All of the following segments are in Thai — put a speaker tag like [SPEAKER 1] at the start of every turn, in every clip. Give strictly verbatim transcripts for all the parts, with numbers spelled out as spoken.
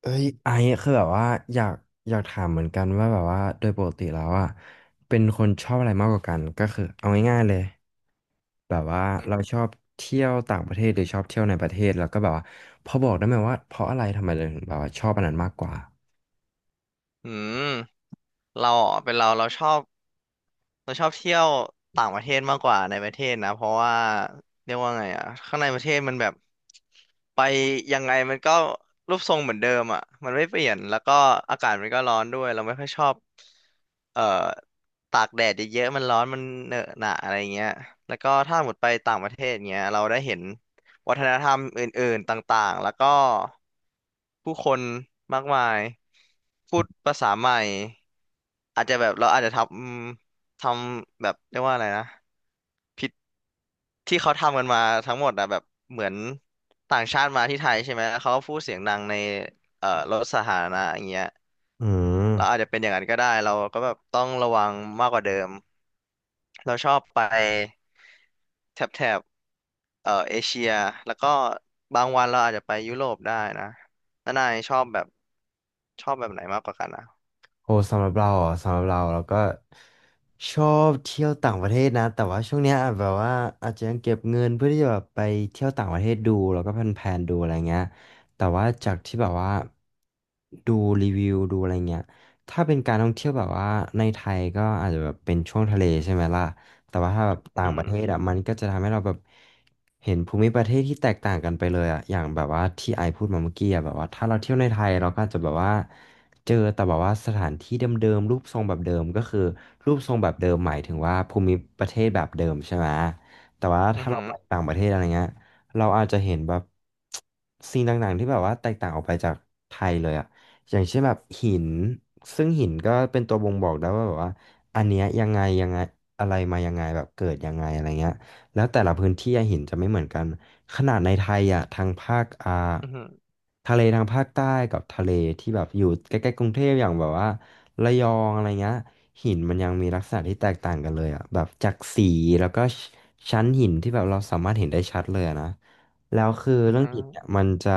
[SPEAKER 1] เอ้ยไอซ์คือแบบว่าอยากอยากถามเหมือนกันว่าแบบว่าโดยปกติแล้วอ่ะเป็นคนชอบอะไรมากกว่ากันก็คือเอาง่ายๆเลยแบบว่าเราชอบเที่ยวต่างประเทศหรือชอบเที่ยวในประเทศแล้วก็แบบว่าพอบอกได้ไหมว่าเพราะอะไรทำไมเราถึงแบบว่าชอบอันนั้นมากกว่า
[SPEAKER 2] อืมเราอ่ะเป็นเราเราชอบ เราชอบเที่ยวต่างประเทศมากกว่าในประเทศนะเพราะว่าเรียกว่าไงอ่ะข้างในประเทศมันแบบไปยังไงมันก็รูปทรงเหมือนเดิมอ่ะมันไม่เปลี่ยนแล้วก็อากาศมันก็ร้อนด้วยเราไม่ค่อยชอบเอ่อตากแดดเยอะๆมันร้อนมันเหนอะหนะอะไรเงี้ยแล้วก็ถ้าหมดไปต่างประเทศเงี้ยเราได้เห็นวัฒนธรรมอื่นๆต่างๆแล้วก็ผู้คนมากมายพูดภาษาใหม่อาจจะแบบเราอาจจะทำ ทำแบบเรียกว่าอะไรนะพิธที่เขาทำกันมาทั้งหมดอะแบบเหมือนต่างชาติมาที่ไทยใช่ไหมแล้วเขาก็พูดเสียงดังในเอ่อรถสาธารณะอย่างเงี้ย
[SPEAKER 1] อื
[SPEAKER 2] เราอา
[SPEAKER 1] ม
[SPEAKER 2] จจะเป็นอย่างนั้นก็ได้เราก็แบบต้องระวังมากกว่าเดิมเราชอบไปแถบแถบเอ่อเอเชียแล้วก็บางวันเราอาจจะไปยุโรปได้นะแล้วนายชอบแบบชอบแบบไหนมากกว่ากันอ่ะ
[SPEAKER 1] โอ้สำหรับเราอ่ะสำหรับเราเราก็ชอบเที่ยวต่างประเทศนะแต่ว่าช่วงเนี้ยอาจแบบว่าอาจจะยังเก็บเงินเพื่อที่จะแบบไปเที่ยวต่างประเทศดูแล้วก็แพลนๆดูอะไรเงี้ยแต่ว่าจากที่แบบว่าดูรีวิวดูอะไรเงี้ยถ้าเป็นการท่องเที่ยวแบบว่าในไทยก็อาจจะแบบเป็นช่วงทะเลใช่ไหมล่ะแต่ว่าถ้าแบบต่า
[SPEAKER 2] อื
[SPEAKER 1] งประเทศ
[SPEAKER 2] ม
[SPEAKER 1] อ่ะมันก็จะทำให้เราแบบเห็นภูมิประเทศที่แตกต่างกันไปเลยอ่ะอย่างแบบว่าที่ไอพูดมาเมื่อกี้อ่ะแบบว่าถ้าเราเที่ยวในไทยเราก็อาจจะแบบว่า เจอแต่แบบว่าสถานที่เดิมๆรูปทรงแบบเดิมก็คือรูปทรงแบบเดิมหมายถึงว่าภูมิประเทศแบบเดิมใช่ไหมแต่ว่า
[SPEAKER 2] อื
[SPEAKER 1] ถ้า
[SPEAKER 2] อ
[SPEAKER 1] เรา
[SPEAKER 2] หือ
[SPEAKER 1] ไปต่างประเทศอะไรเงี้ยเราอาจจะเห็นแบบสิ่งต่างๆที่แบบว่าแตกต่างออกไปจากไทยเลยอะอย่างเช่นแบบหินซึ่งหินก็เป็นตัวบ่งบอกได้ว่าแบบว่าอันเนี้ยยังไงยังไงอะไรมายังไงแบบเกิดยังไงอะไรเงี้ยแล้วแต่ละพื้นที่อะหินจะไม่เหมือนกัน ขนาดในไทยอ่ะทางภาคอ่า
[SPEAKER 2] อือหือ
[SPEAKER 1] ทะเลทางภาคใต้กับทะเลที่แบบอยู่ใกล้ๆกรุงเทพอย่างแบบว่าระยองอะไรเงี้ยหินมันยังมีลักษณะที่แตกต่างกันเลยอ่ะแบบจากสีแล้วก็ชชั้นหินที่แบบเราสามารถเห็นได้ชัดเลยอะนะแล้วคือ
[SPEAKER 2] อือ
[SPEAKER 1] เรื่อง
[SPEAKER 2] หือ
[SPEAKER 1] หินเนี่ยมันจะ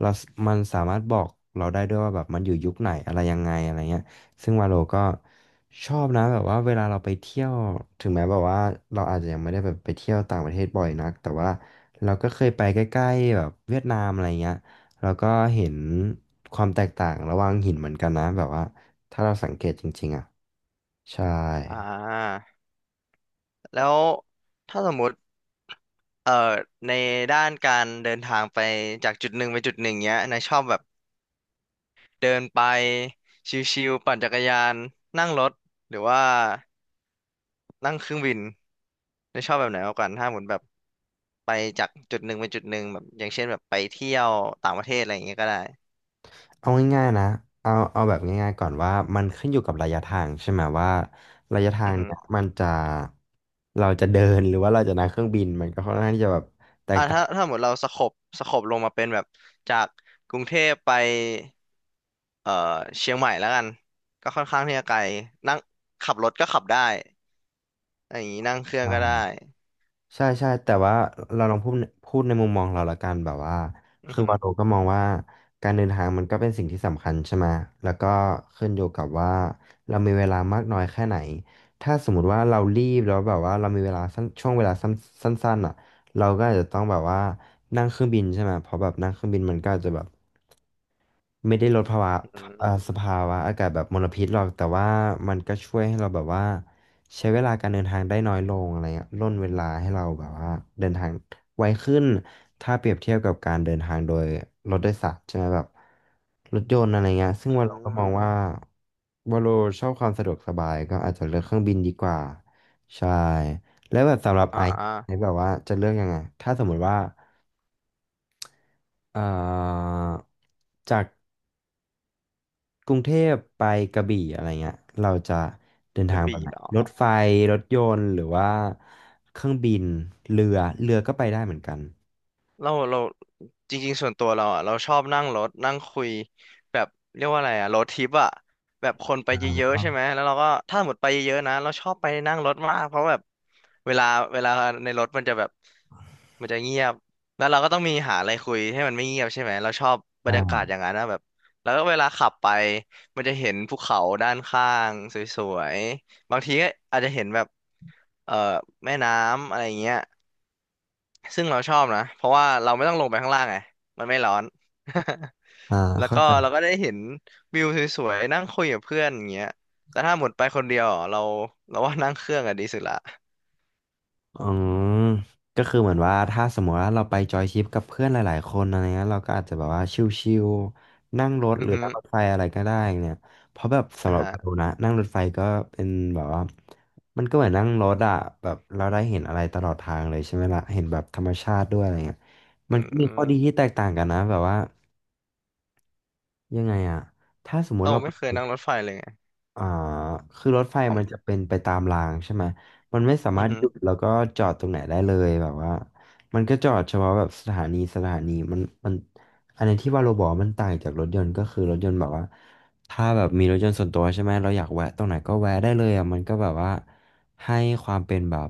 [SPEAKER 1] เรามันสามารถบอกเราได้ด้วยว่าแบบมันอยู่ยุคไหนอะไรยังไงอะไรเงี้ยซึ่งวาโลก็ชอบนะแบบว่าเวลาเราไปเที่ยวถึงแม้แบบว่าเราอาจจะยังไม่ได้แบบไปเที่ยวต่างประเทศบ่อยนักแต่ว่า เราก็เคยไปใกล้ๆแบบเวียดนามอะไรเงี้ยเราก็เห็นความแตกต่างระหว่างหินเหมือนกันนะแบบว่าถ้าเราสังเกตจริงๆอ่ะใช่
[SPEAKER 2] อ่า แล้วถ้าสมมุติเอ่อในด้านการเดินทางไปจากจุดหนึ่งไปจุดหนึ่งเนี้ยนายชอบแบบเดินไปชิวๆปั่นจักรยานนั่งรถหรือว่านั่งเครื่องบินนายชอบแบบไหนมากกว่ากันถ้าหมุนแบบไปจากจุดหนึ่งไปจุดหนึ่งแบบอย่างเช่นแบบไปเที่ยวต่างประเทศอะไรอย่างเงี้ยก็ได้
[SPEAKER 1] เอาง่ายๆนะเอาเอาแบบง่ายๆก่อนว่ามันขึ้นอยู่กับระยะทางใช่ไหมว่าระยะทา
[SPEAKER 2] อื
[SPEAKER 1] ง
[SPEAKER 2] อฮึ
[SPEAKER 1] เนี่ยมันจะเราจะเดินหรือว่าเราจะนั่งเครื่องบินมันก็ค่อนข้างที่จะแบบแตก
[SPEAKER 2] อ่า
[SPEAKER 1] ต่าง
[SPEAKER 2] ถ้าถ้าหมดเราสโคบสโคบลงมาเป็นแบบจากกรุงเทพไปเอ่อเชียงใหม่แล้วกันก็ค่อนข้างที่จะไกลนั่งขับรถก็ขับได้ อย่างนี้นั่งเครื่องก็ได้
[SPEAKER 1] ใช่ใช่แต่ว่าเราลองพูดพูดในมุมมองเราละกันแบบว่า
[SPEAKER 2] อือ
[SPEAKER 1] คือ
[SPEAKER 2] หือ
[SPEAKER 1] วาโรก็มองว่าการเดินทางมันก็เป็นสิ่งที่สำคัญใช่ไหมแล้วก็ขึ้นอยู่กับว่าเรามีเวลามากน้อยแค่ไหนถ้าสมมติว่าเรารีบแล้วแบบว่าเรามีเวลาสั้นช่วงเวลาสั้นสั้นๆอ่ะเราก็อาจจะต้องแบบว่านั่งเครื่องบินใช่ไหมเพราะแบบนั่งเครื่องบินมันก็อาจจะแบบ ไม่ได้ลดภาวะ
[SPEAKER 2] อือ
[SPEAKER 1] อ่าสภาวะอากาศแบบมลพิษหรอกแต่ว่ามันก็ช่วยให้เราแบบว่าใช้เวลาการเดินทางได้น้อยลงอะไรเงี้ยร่นเวลาให้เราแบบว่าเดินทางไวขึ้นถ้าเปรียบเทียบกับการเดินทางโดยรถโดยสารใช่ไหมแบบรถยนต์อะไรเงี้ยซึ่ง
[SPEAKER 2] หื
[SPEAKER 1] ว่าเราก็มองว่า
[SPEAKER 2] อ
[SPEAKER 1] ว่าเราชอบความสะดวกสบายก็อาจจะเลือกเครื่องบินดีกว่าใช่แล้วแบบสำหรับ
[SPEAKER 2] อ่า
[SPEAKER 1] ไอซ์ไอซ์แบบว่าจะเลือกยังไงถ้าสมมุติว่าเอ่อจาก กรุงเทพไปกระบี่อะไรเงี้ยเราจะเดิน
[SPEAKER 2] ก
[SPEAKER 1] ทา
[SPEAKER 2] ระ
[SPEAKER 1] งแบบ
[SPEAKER 2] บี่
[SPEAKER 1] ไหน
[SPEAKER 2] เหรอ
[SPEAKER 1] รถไฟรถยนต์หรือว่าเครื่องบินเรือเรือก็ไปได้เหมือนกัน
[SPEAKER 2] เราเราจริงๆส่วนตัวเราอ่ะเราชอบนั่งรถนั่งคุยแบบเรียกว่าอะไรอ่ะรถทิปอ่ะแบบคนไป
[SPEAKER 1] อ่า
[SPEAKER 2] เยอะ
[SPEAKER 1] ก็
[SPEAKER 2] ๆใช่ไหมแล้วเราก็ถ้าหมดไปเยอะๆนะเราชอบไปนั่งรถมากเพราะแบบเวลาเวลาในรถมันจะแบบมันจะเงียบแล้วเราก็ต้องมีหาอะไรคุยให้มันไม่เงียบใช่ไหมเราชอบบรรยากา
[SPEAKER 1] อ่า
[SPEAKER 2] ศอย่างนั้นนะแบบแล้วก็เวลาขับไปมันจะเห็นภูเขาด้านข้างสวยๆบางทีก็อาจจะเห็นแบบเอ่อแม่น้ำอะไรเงี้ย ซึ่งเราชอบนะเพราะว่าเราไม่ต้องลงไปข้างล่างไงมันไม่ร้อน
[SPEAKER 1] อ่า
[SPEAKER 2] แล้ว
[SPEAKER 1] เข้า
[SPEAKER 2] ก็
[SPEAKER 1] ใจ
[SPEAKER 2] เราก็ได้เห็นวิวสวยๆนั่งคุยกับเพื่อนอย่างเงี้ยแต่ถ้าหมดไปคนเดียวอ่ะเราเราว่านั่งเครื่องอะดีสุดละ
[SPEAKER 1] อืมก็คือเหมือนว่าถ้าสมมติว่าเราไปจอยทริปกับเพื่อนหลายๆคนอะไรเงี้ยเราก็อาจจะแบบว่าชิลๆนั่งรถ
[SPEAKER 2] อื
[SPEAKER 1] ห
[SPEAKER 2] อ
[SPEAKER 1] รือ
[SPEAKER 2] ฮึ
[SPEAKER 1] นั่งรถไฟอะไรก็ได้เนี่ยเพราะแบบสำ
[SPEAKER 2] อ่า
[SPEAKER 1] หรับ
[SPEAKER 2] ฮะ
[SPEAKER 1] เรานะนั่งรถไฟก็เป็นแบบว่ามันก็เหมือนนั่งรถอะแบบเราได้เห็นอะไรตลอดทางเลยใช่ไหมล่ะเห็นแบบธรรมชาติด้วยอะไรเงี้ย
[SPEAKER 2] อื
[SPEAKER 1] มันก็มีข้อดี
[SPEAKER 2] ม
[SPEAKER 1] ที่แตกต่างกันนะแบบว่ายังไงอะถ้าสมมติ
[SPEAKER 2] เรา
[SPEAKER 1] เรา
[SPEAKER 2] ไม่เคยนั่งรถไฟเลยไง
[SPEAKER 1] อ่าคือรถไฟ
[SPEAKER 2] อ๋
[SPEAKER 1] มันจะ
[SPEAKER 2] อ
[SPEAKER 1] เป็นไปตามรางใช่ไหม มันไม่สามา
[SPEAKER 2] อือ
[SPEAKER 1] รถ
[SPEAKER 2] ฮึ
[SPEAKER 1] หยุดแล้วก็จอดตรงไหนได้เลยแบบว่ามันก็จอดเฉพาะแบบสถานีสถานีมันมันอันนี้ที่ว่าโรบอทมันต่างจากรถยนต์ก็คือรถยนต์แบบว่า ถ้าแบบมีรถยนต์ส่วนตัวใช่ไหมเราอยากแวะตรงไหนก็แวะได้เลยอ่ะมันก็แบบว่าให้ความเป็นแบบ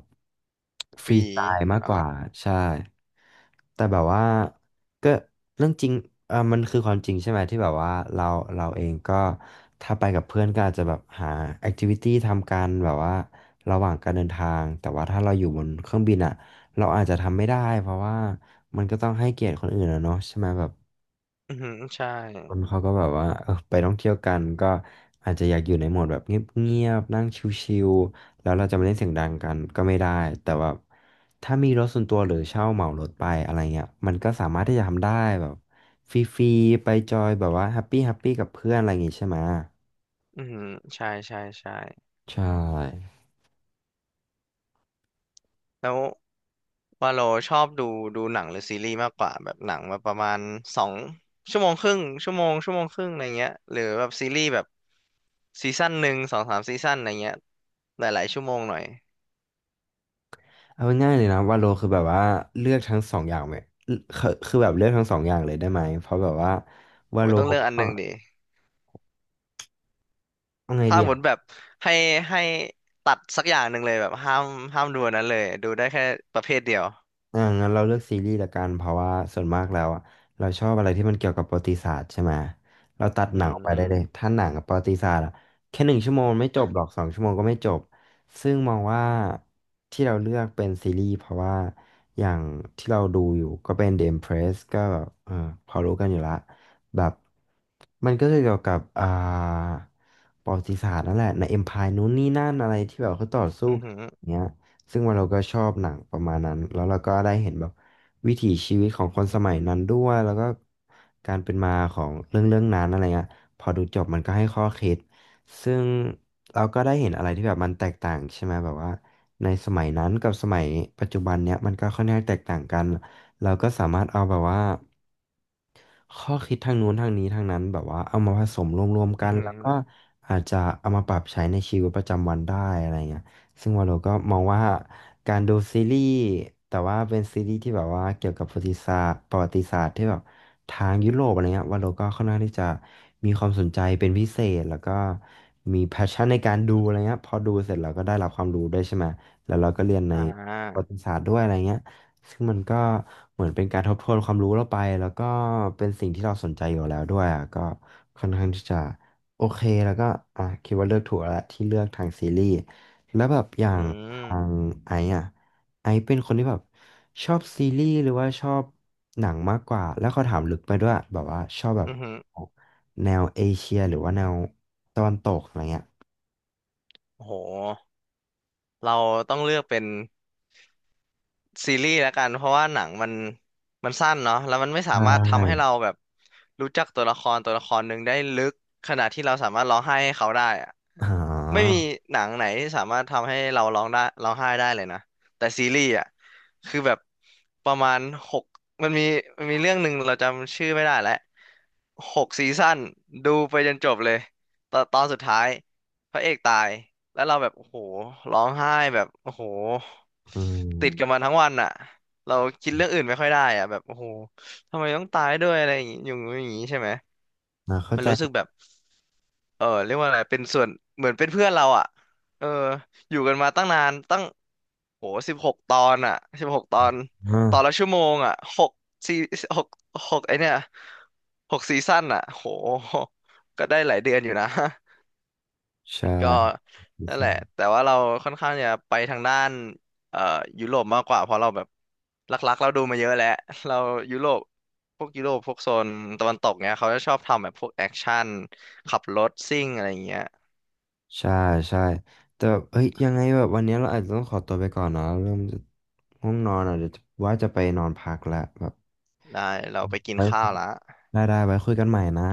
[SPEAKER 1] ฟรี
[SPEAKER 2] ปี
[SPEAKER 1] สไตล์มากก
[SPEAKER 2] เนาะ
[SPEAKER 1] ว่าใช่แต่แบบว่าก็เรื่องจริงเออมันคือความจริงใช่ไหมที่แบบว่าเราเราเองก็ถ้าไปกับเพื่อนก็อาจจะแบบหาแอคทิวิตี้ทำกันแบบว่าระหว่างการเดินทางแต่ว่าถ้าเราอยู่บนเครื่องบินอ่ะเราอาจจะทำไม่ได้เพราะว่ามันก็ต้องให้เกียรติคนอื่นอะเนาะใช่ไหมแบบ
[SPEAKER 2] อือฮึใช่
[SPEAKER 1] คนเขาก็แบบว่าเออไปท่องเที่ยวกันก็อาจจะอยากอยู่ในโหมดแบบเงียบๆนั่งชิลๆแล้วเราจะมาเล่นเสียงดังกันก็ไม่ได้แต่ว่าถ้ามีรถส่วนตัวหรือเช่าเหมารถไปอะไรเงี้ยมันก็สามารถที่จะทำได้แบบฟรีๆไปจอยแบบว่าแฮปปี้แฮปปี้กับเพื่อนอะไรอย่างงี้ใช่ไหม
[SPEAKER 2] อือฮึใช่ใช่ใช่
[SPEAKER 1] ใช่
[SPEAKER 2] แล้ว ว่าเราชอบดูดูหนังหรือซีรีส์มากกว่าแบบหนังแบบประมาณสองชั่วโมงครึ่งชั่วโมงชั่วโมงครึ่งอะไรเงี้ยหรือแบบซีรีส์แบบซีซั่นหนึ่งสองสามซีซั่นอะไรเงี้ยหลายๆชั่วโมงหน่อย
[SPEAKER 1] เอาง่ายๆเลยนะว่าโลคือแบบว่าเลือกทั้งสองอย่างไหมคือคือแบบเลือกทั้งสองอย่างเลยได้ไหมเพราะแบบว่าว่า
[SPEAKER 2] โอ้ย
[SPEAKER 1] โล
[SPEAKER 2] ต้องเลือก
[SPEAKER 1] ก็
[SPEAKER 2] อันหนึ่งดิ
[SPEAKER 1] เอาไง
[SPEAKER 2] ถ้า
[SPEAKER 1] ดี
[SPEAKER 2] หมดแบบให้ให้ตัดสักอย่างหนึ่งเลยแบบห้ามห้ามดูอันนั้นเลยดูได้แค่ประเภทเดียว
[SPEAKER 1] อ่างั้นเราเลือกซีรีส์ละกันเพราะว่าส่วนมากแล้วอ่ะเราชอบอะไรที่มันเกี่ยวกับประวัติศาสตร์ใช่ไหมเราตัด
[SPEAKER 2] อื
[SPEAKER 1] หนังออกไปได้เลย
[SPEAKER 2] ม
[SPEAKER 1] ถ้าหนังกับประวัติศาสตร์อ่ะแค่หนึ่งชั่วโมงไม่จบหรอกสองชั่วโมงก็ไม่จบซึ่งมองว่าที่เราเลือกเป็นซีรีส์เพราะว่าอย่างที่เราดูอยู่ก็เป็น The Empress ก็แบบเออพอรู้กันอยู่ละแบบมันก็จะเกี่ยวกับอ่าประวัติศาสตร์นั่นแหละใน Empire นู้นนี่นั่นอะไรที่แบบเขาต่อสู้
[SPEAKER 2] อือ
[SPEAKER 1] กัน
[SPEAKER 2] หือ
[SPEAKER 1] อย่างเงี้ย ซึ่งว่าเราก็ชอบหนังประมาณนั้นแล้วเราก็ได้เห็นแบบวิถีชีวิตของคนสมัยนั้นด้วยแล้วก็การเป็นมาของเรื่องเรื่องนั้นอะไรเงี้ยพอดูจบมันก็ให้ข้อคิดซึ่งเราก็ได้เห็นอะไรที่แบบมันแตกต่างใช่ไหมแบบว่าในสมัยนั้นกับสมัยปัจจุบันเนี้ยมันก็ค่อนข้างแตกต่างกันเราก็สามารถเอาแบบว่า ข้อคิดทางนู้นทางนี้ทางนั้นแบบว่าเอามาผสมรวมๆ
[SPEAKER 2] อื
[SPEAKER 1] กั
[SPEAKER 2] อ
[SPEAKER 1] น
[SPEAKER 2] หือ
[SPEAKER 1] แล้วก็อาจจะเอามาปรับใช้ในชีวิตประจำวันได้อะไรเงี้ยซึ่งวาโลก็มองว่าการดูซีรีส์แต่ว่าเป็นซีรีส์ที่แบบว่าเกี่ยวกับประวัติศาสตร์ประวัติศาสตร์ที่แบบทางยุโรปอะไรเงี้ยวาโลก็ค่อนข้างที่จะมีความสนใจเป็นพิเศษแล้วก็มีแพชชั่นในการดูอะไรเงี้ยพอดูเสร็จเราก็ได้รับความรู้ด้วยใช่ไหมแล้วเราก็เรียนใน
[SPEAKER 2] อ่
[SPEAKER 1] ประวั
[SPEAKER 2] า
[SPEAKER 1] ติศาสตร์ด้วยอะไรเงี้ย ซึ่งมันก็เหมือนเป็นการทบทวนความรู้เราไปแล้วก็เป็นสิ่งที่เราสนใจอยู่แล้วด้วยอ่ะก็ค่อนข้างที่จะโอเคแล้วก็อ่ะคิดว่าเลือกถูกแล้วที่เลือกทางซีรีส์แล้วแบบอย่า
[SPEAKER 2] อื
[SPEAKER 1] งทาง
[SPEAKER 2] ม
[SPEAKER 1] ไอซ์อ่ะไอซ์เป็นคนที่แบบชอบซีรีส์หรือว่าชอบหนังมากกว่าแล้วเขาถามลึกไปด้วยแบบว่าชอบแบบ
[SPEAKER 2] อือหือ
[SPEAKER 1] แนวเอเชียหรือว่าแนวตะวันตกอะไรเงี้ย
[SPEAKER 2] โอ้โหเราต้องเลือกเป็น ซีรีส์แล้วกันเพราะว่าหนังมันมันสั้นเนาะแล้วมันไม่
[SPEAKER 1] ใช
[SPEAKER 2] สามารถทำให้
[SPEAKER 1] ่
[SPEAKER 2] เราแบบรู้จักตัวละครตัวละครหนึ่งได้ลึกขนาดที่เราสามารถร้องไห้ให้เขาได้อะ
[SPEAKER 1] อ่า
[SPEAKER 2] ไม่มีหนังไหนที่สามารถทำให้เราร้องได้ร้องไห้ได้เลยนะแต่ซีรีส์อ่ะคือแบบประมาณหกมันมีมันมีเรื่องหนึ่งเราจำชื่อไม่ได้แล้วหกซีซั่นดูไปจนจบเลยตอนตอนสุดท้ายพระเอกตาย แล้วเราแบบโอ้โหร้องไห้แบบโอ้โห
[SPEAKER 1] อื
[SPEAKER 2] ติดกับมัน
[SPEAKER 1] ม
[SPEAKER 2] ทั้งวันอ่ะเราคิดเรื่องอื่นไม่ค่อยได้อ่ะแบบโอ้โหทำไมต้องตายด้วยอะไรอย่างงี้อย่างงี้อย่างงี้ใช่ไหม
[SPEAKER 1] อ่าเข้า
[SPEAKER 2] มัน
[SPEAKER 1] ใจ
[SPEAKER 2] รู้สึกแบบเออเรียกว่าอะไรเป็นส่วนเหมือนเป็นเพื่อนเราอ่ะเอออยู่กันมาตั้งนานตั้งโหสิบหกตอนอ่ะสิบหกตอน
[SPEAKER 1] อ่า
[SPEAKER 2] ตอนละชั่วโมงอ่ะหกซีหกหกไอเนี่ยหกซีซั่นอ่ะโหก็ได้หลายเดือนอยู่นะ
[SPEAKER 1] ใ
[SPEAKER 2] ก็
[SPEAKER 1] ช
[SPEAKER 2] นั่นแหละ
[SPEAKER 1] ่
[SPEAKER 2] แต่ว่าเราค่อนข้างจะไปทางด้านเอ่อยุโรปมากกว่าเพราะเราแบบหลักๆเราดูมาเยอะแล้ว เรายุโรปพวกยุโรปพวกโซนตะวันตกเนี้ยเขาจะชอบทำแบบพวกแอคชั่นขับรถซิ่งอะไรอย่างเงี้ย
[SPEAKER 1] ใช่ใช่แต่แบบเฮ้ยยังไงแบบวันนี้เราอาจจะต้องขอตัวไปก่อนนะเริ่มจะง่วงนอนอ่ะเดี๋ยวจะว่าจะไปนอนพักแล้วแบบ
[SPEAKER 2] ได้เราไปกิน
[SPEAKER 1] ไว้
[SPEAKER 2] ข้า
[SPEAKER 1] คุ
[SPEAKER 2] ว
[SPEAKER 1] ย
[SPEAKER 2] ละ
[SPEAKER 1] ได้ได้ไว้คุยกันใหม่นะ